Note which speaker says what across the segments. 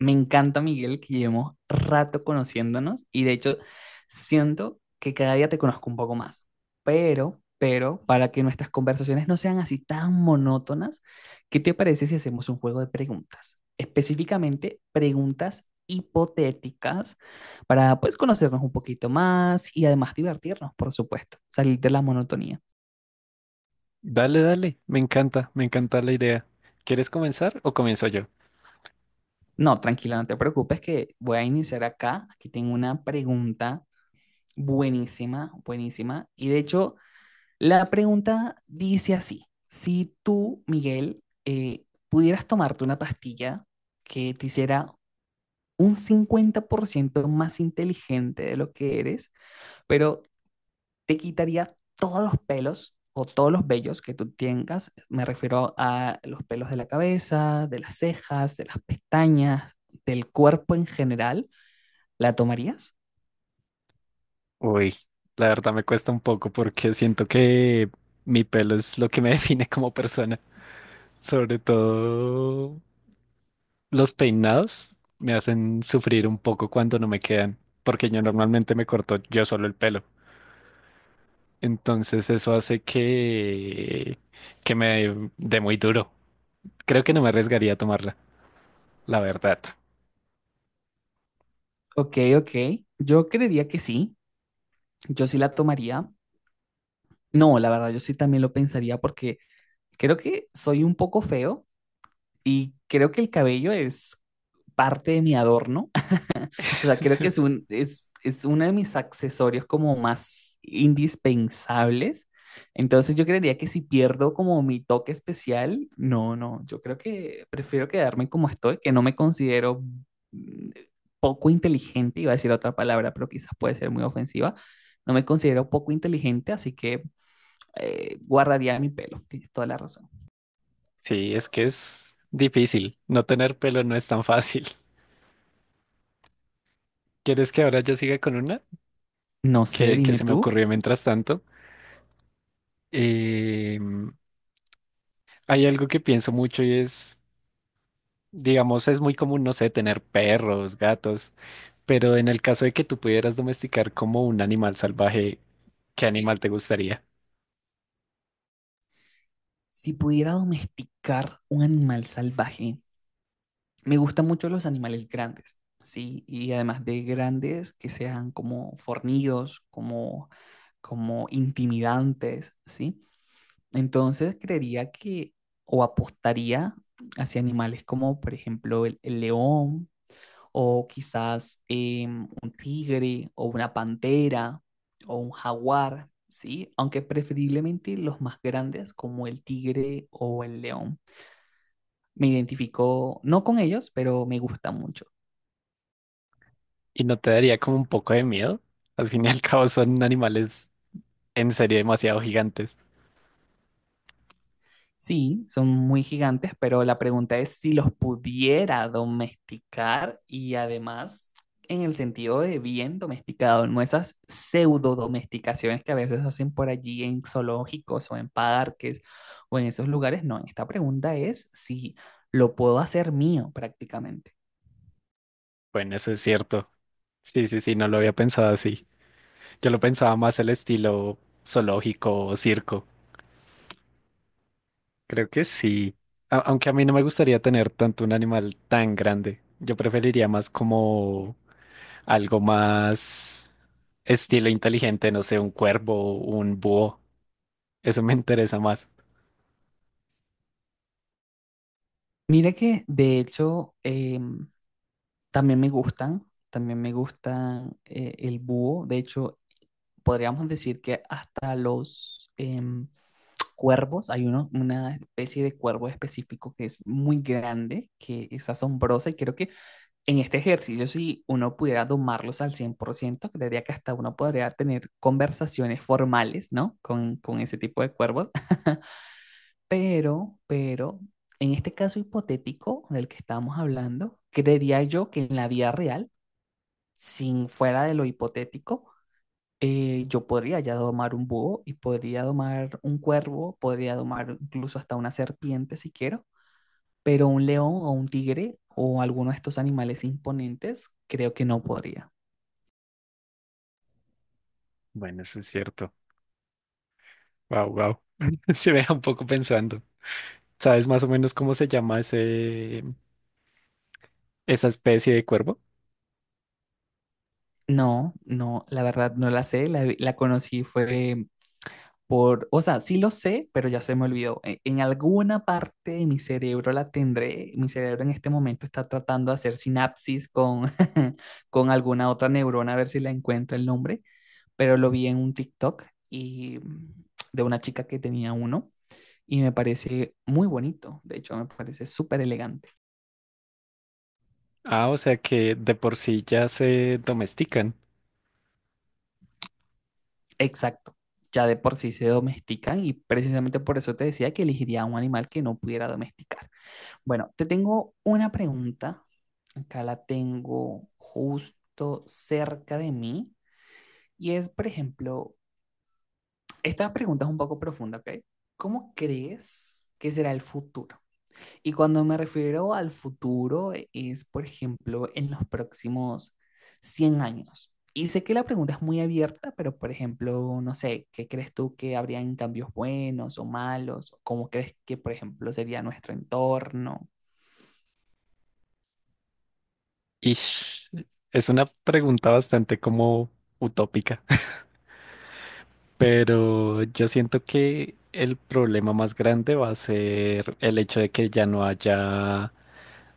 Speaker 1: Me encanta, Miguel, que llevemos rato conociéndonos y de hecho siento que cada día te conozco un poco más. Para que nuestras conversaciones no sean así tan monótonas, ¿qué te parece si hacemos un juego de preguntas? Específicamente preguntas hipotéticas para pues conocernos un poquito más y además divertirnos, por supuesto, salir de la monotonía.
Speaker 2: Dale, dale, me encanta la idea. ¿Quieres comenzar o comienzo yo?
Speaker 1: No, tranquila, no te preocupes que voy a iniciar acá. Aquí tengo una pregunta buenísima. Y de hecho, la pregunta dice así, si tú, Miguel, pudieras tomarte una pastilla que te hiciera un 50% más inteligente de lo que eres, pero te quitaría todos los pelos o todos los vellos que tú tengas, me refiero a los pelos de la cabeza, de las cejas, de las pestañas, del cuerpo en general, ¿la tomarías?
Speaker 2: Uy, la verdad me cuesta un poco porque siento que mi pelo es lo que me define como persona. Sobre todo los peinados me hacen sufrir un poco cuando no me quedan, porque yo normalmente me corto yo solo el pelo. Entonces eso hace que me dé muy duro. Creo que no me arriesgaría a tomarla, la verdad.
Speaker 1: Ok, ok, yo creería que sí, yo sí la tomaría. No, la verdad, yo sí también lo pensaría porque creo que soy un poco feo y creo que el cabello es parte de mi adorno. O sea, creo que es uno de mis accesorios como más indispensables. Entonces yo creería que si pierdo como mi toque especial, no, no, yo creo que prefiero quedarme como estoy, que no me considero mm, poco inteligente, iba a decir otra palabra, pero quizás puede ser muy ofensiva, no me considero poco inteligente, así que guardaría mi pelo, tienes toda la razón.
Speaker 2: Sí, es que es difícil. No tener pelo no es tan fácil. ¿Quieres que ahora yo siga con una
Speaker 1: No sé,
Speaker 2: que
Speaker 1: dime
Speaker 2: se me
Speaker 1: tú,
Speaker 2: ocurrió mientras tanto? Em, Hay algo que pienso mucho y es, digamos, es muy común, no sé, tener perros, gatos, pero en el caso de que tú pudieras domesticar como un animal salvaje, ¿qué animal te gustaría?
Speaker 1: si pudiera domesticar un animal salvaje, me gustan mucho los animales grandes, ¿sí? Y además de grandes, que sean como fornidos, como intimidantes, ¿sí? Entonces creería que, o apostaría hacia animales como, por ejemplo, el león, o quizás un tigre o una pantera o un jaguar, ¿sí? Aunque preferiblemente los más grandes como el tigre o el león. Me identifico no con ellos, pero me gustan mucho.
Speaker 2: ¿Y no te daría como un poco de miedo? Al fin y al cabo son animales en serio demasiado gigantes.
Speaker 1: Sí, son muy gigantes, pero la pregunta es si los pudiera domesticar y además en el sentido de bien domesticado, no esas pseudo domesticaciones que a veces hacen por allí en zoológicos o en parques o en esos lugares. No, esta pregunta es si lo puedo hacer mío prácticamente.
Speaker 2: Bueno, eso es cierto. Sí, sí, sí, no lo había pensado así. Yo lo pensaba más el estilo zoológico o circo. Creo que sí. Aunque a mí no me gustaría tener tanto un animal tan grande. Yo preferiría más como algo más estilo inteligente, no sé, un cuervo, un búho. Eso me interesa más.
Speaker 1: Mira que de hecho también me gustan, el búho. De hecho, podríamos decir que hasta los cuervos, hay una especie de cuervo específico que es muy grande, que es asombrosa y creo que en este ejercicio si uno pudiera domarlos al 100%, creería que hasta uno podría tener conversaciones formales, ¿no? Con ese tipo de cuervos. Pero, pero, en este caso hipotético del que estamos hablando, creería yo que en la vida real, sin fuera de lo hipotético, yo podría ya domar un búho y podría domar un cuervo, podría domar incluso hasta una serpiente si quiero, pero un león o un tigre o alguno de estos animales imponentes, creo que no podría.
Speaker 2: Bueno, eso es cierto. Wow, wow. Se me deja un poco pensando. ¿Sabes más o menos cómo se llama esa especie de cuervo?
Speaker 1: No, la verdad no la sé, la conocí fue por, o sea, sí lo sé, pero ya se me olvidó. En alguna parte de mi cerebro la tendré, mi cerebro en este momento está tratando de hacer sinapsis con, con alguna otra neurona a ver si la encuentro el nombre pero lo vi en un TikTok y de una chica que tenía uno y me parece muy bonito, de hecho me parece súper elegante.
Speaker 2: Ah, o sea que de por sí ya se domestican.
Speaker 1: Exacto, ya de por sí se domestican y precisamente por eso te decía que elegiría un animal que no pudiera domesticar. Bueno, te tengo una pregunta, acá la tengo justo cerca de mí y es, por ejemplo, esta pregunta es un poco profunda, ¿ok? ¿Cómo crees que será el futuro? Y cuando me refiero al futuro, es, por ejemplo, en los próximos 100 años. Y sé que la pregunta es muy abierta, pero, por ejemplo, no sé, ¿qué crees tú que habrían cambios buenos o malos? ¿Cómo crees que, por ejemplo, sería nuestro entorno?
Speaker 2: Ish, es una pregunta bastante como utópica, pero yo siento que el problema más grande va a ser el hecho de que ya no haya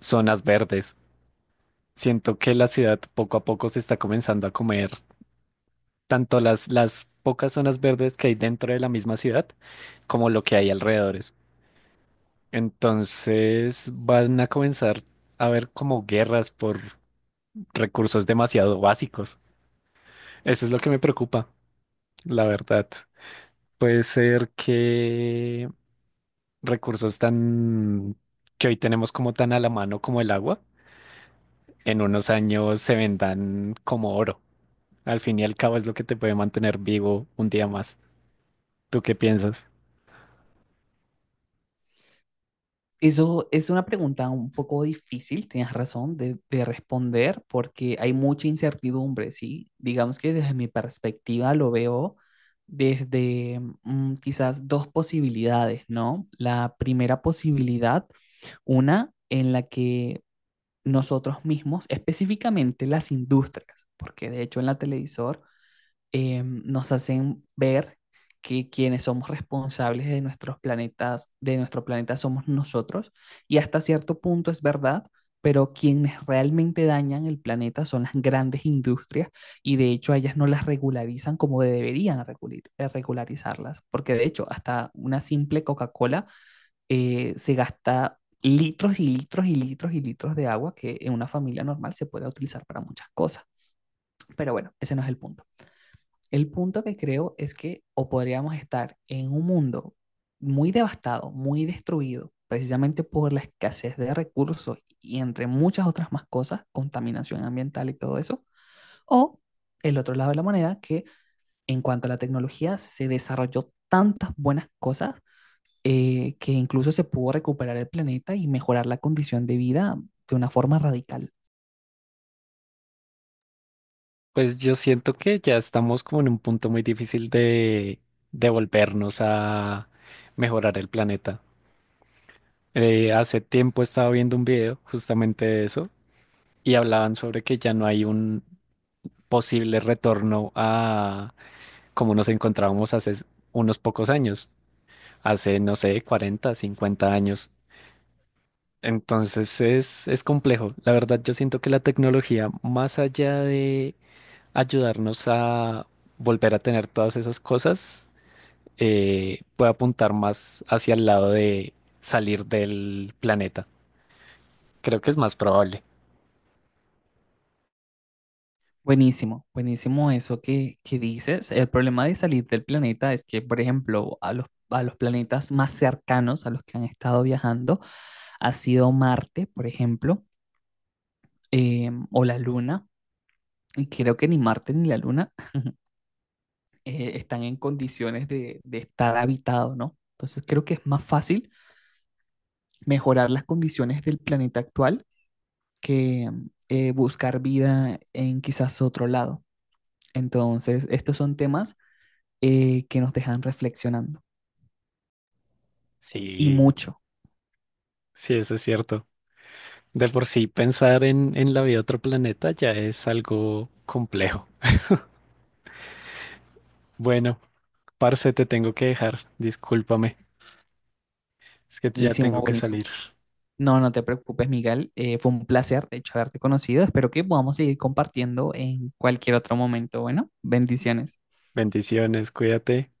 Speaker 2: zonas verdes. Siento que la ciudad poco a poco se está comenzando a comer tanto las pocas zonas verdes que hay dentro de la misma ciudad como lo que hay alrededores. Entonces van a comenzar a haber como guerras por recursos demasiado básicos. Eso es lo que me preocupa, la verdad. Puede ser que recursos tan que hoy tenemos como tan a la mano como el agua, en unos años se vendan como oro. Al fin y al cabo es lo que te puede mantener vivo un día más. ¿Tú qué piensas?
Speaker 1: Eso es una pregunta un poco difícil, tienes razón, de responder porque hay mucha incertidumbre, ¿sí? Digamos que desde mi perspectiva lo veo desde quizás dos posibilidades, ¿no? La primera posibilidad, una en la que nosotros mismos, específicamente las industrias, porque de hecho en la televisor nos hacen ver que quienes somos responsables de nuestros planetas, de nuestro planeta somos nosotros, y hasta cierto punto es verdad, pero quienes realmente dañan el planeta son las grandes industrias y de hecho ellas no las regularizan como deberían regularizarlas, porque de hecho hasta una simple Coca-Cola se gasta litros y litros y litros y litros de agua que en una familia normal se puede utilizar para muchas cosas. Pero bueno, ese no es el punto. El punto que creo es que o podríamos estar en un mundo muy devastado, muy destruido, precisamente por la escasez de recursos y entre muchas otras más cosas, contaminación ambiental y todo eso, o el otro lado de la moneda, que en cuanto a la tecnología se desarrolló tantas buenas cosas que incluso se pudo recuperar el planeta y mejorar la condición de vida de una forma radical.
Speaker 2: Pues yo siento que ya estamos como en un punto muy difícil de volvernos a mejorar el planeta. Hace tiempo estaba viendo un video justamente de eso y hablaban sobre que ya no hay un posible retorno como nos encontrábamos hace unos pocos años, hace, no sé, 40, 50 años. Entonces es complejo. La verdad, yo siento que la tecnología, más allá de ayudarnos a volver a tener todas esas cosas, puede apuntar más hacia el lado de salir del planeta. Creo que es más probable.
Speaker 1: Buenísimo, buenísimo eso que dices. El problema de salir del planeta es que, por ejemplo, a a los planetas más cercanos a los que han estado viajando ha sido Marte, por ejemplo, o la Luna. Y creo que ni Marte ni la Luna están en condiciones de estar habitado, ¿no? Entonces creo que es más fácil mejorar las condiciones del planeta actual que buscar vida en quizás otro lado. Entonces, estos son temas que nos dejan reflexionando. Y
Speaker 2: Sí,
Speaker 1: mucho.
Speaker 2: sí, eso es cierto. De por sí, pensar en la vida de otro planeta ya es algo complejo. Bueno, Parce, te tengo que dejar, discúlpame, es que ya
Speaker 1: Buenísimo,
Speaker 2: tengo que
Speaker 1: buenísimo.
Speaker 2: salir.
Speaker 1: No, no te preocupes, Miguel. Fue un placer, de hecho, haberte conocido. Espero que podamos seguir compartiendo en cualquier otro momento. Bueno, bendiciones.
Speaker 2: Bendiciones, cuídate.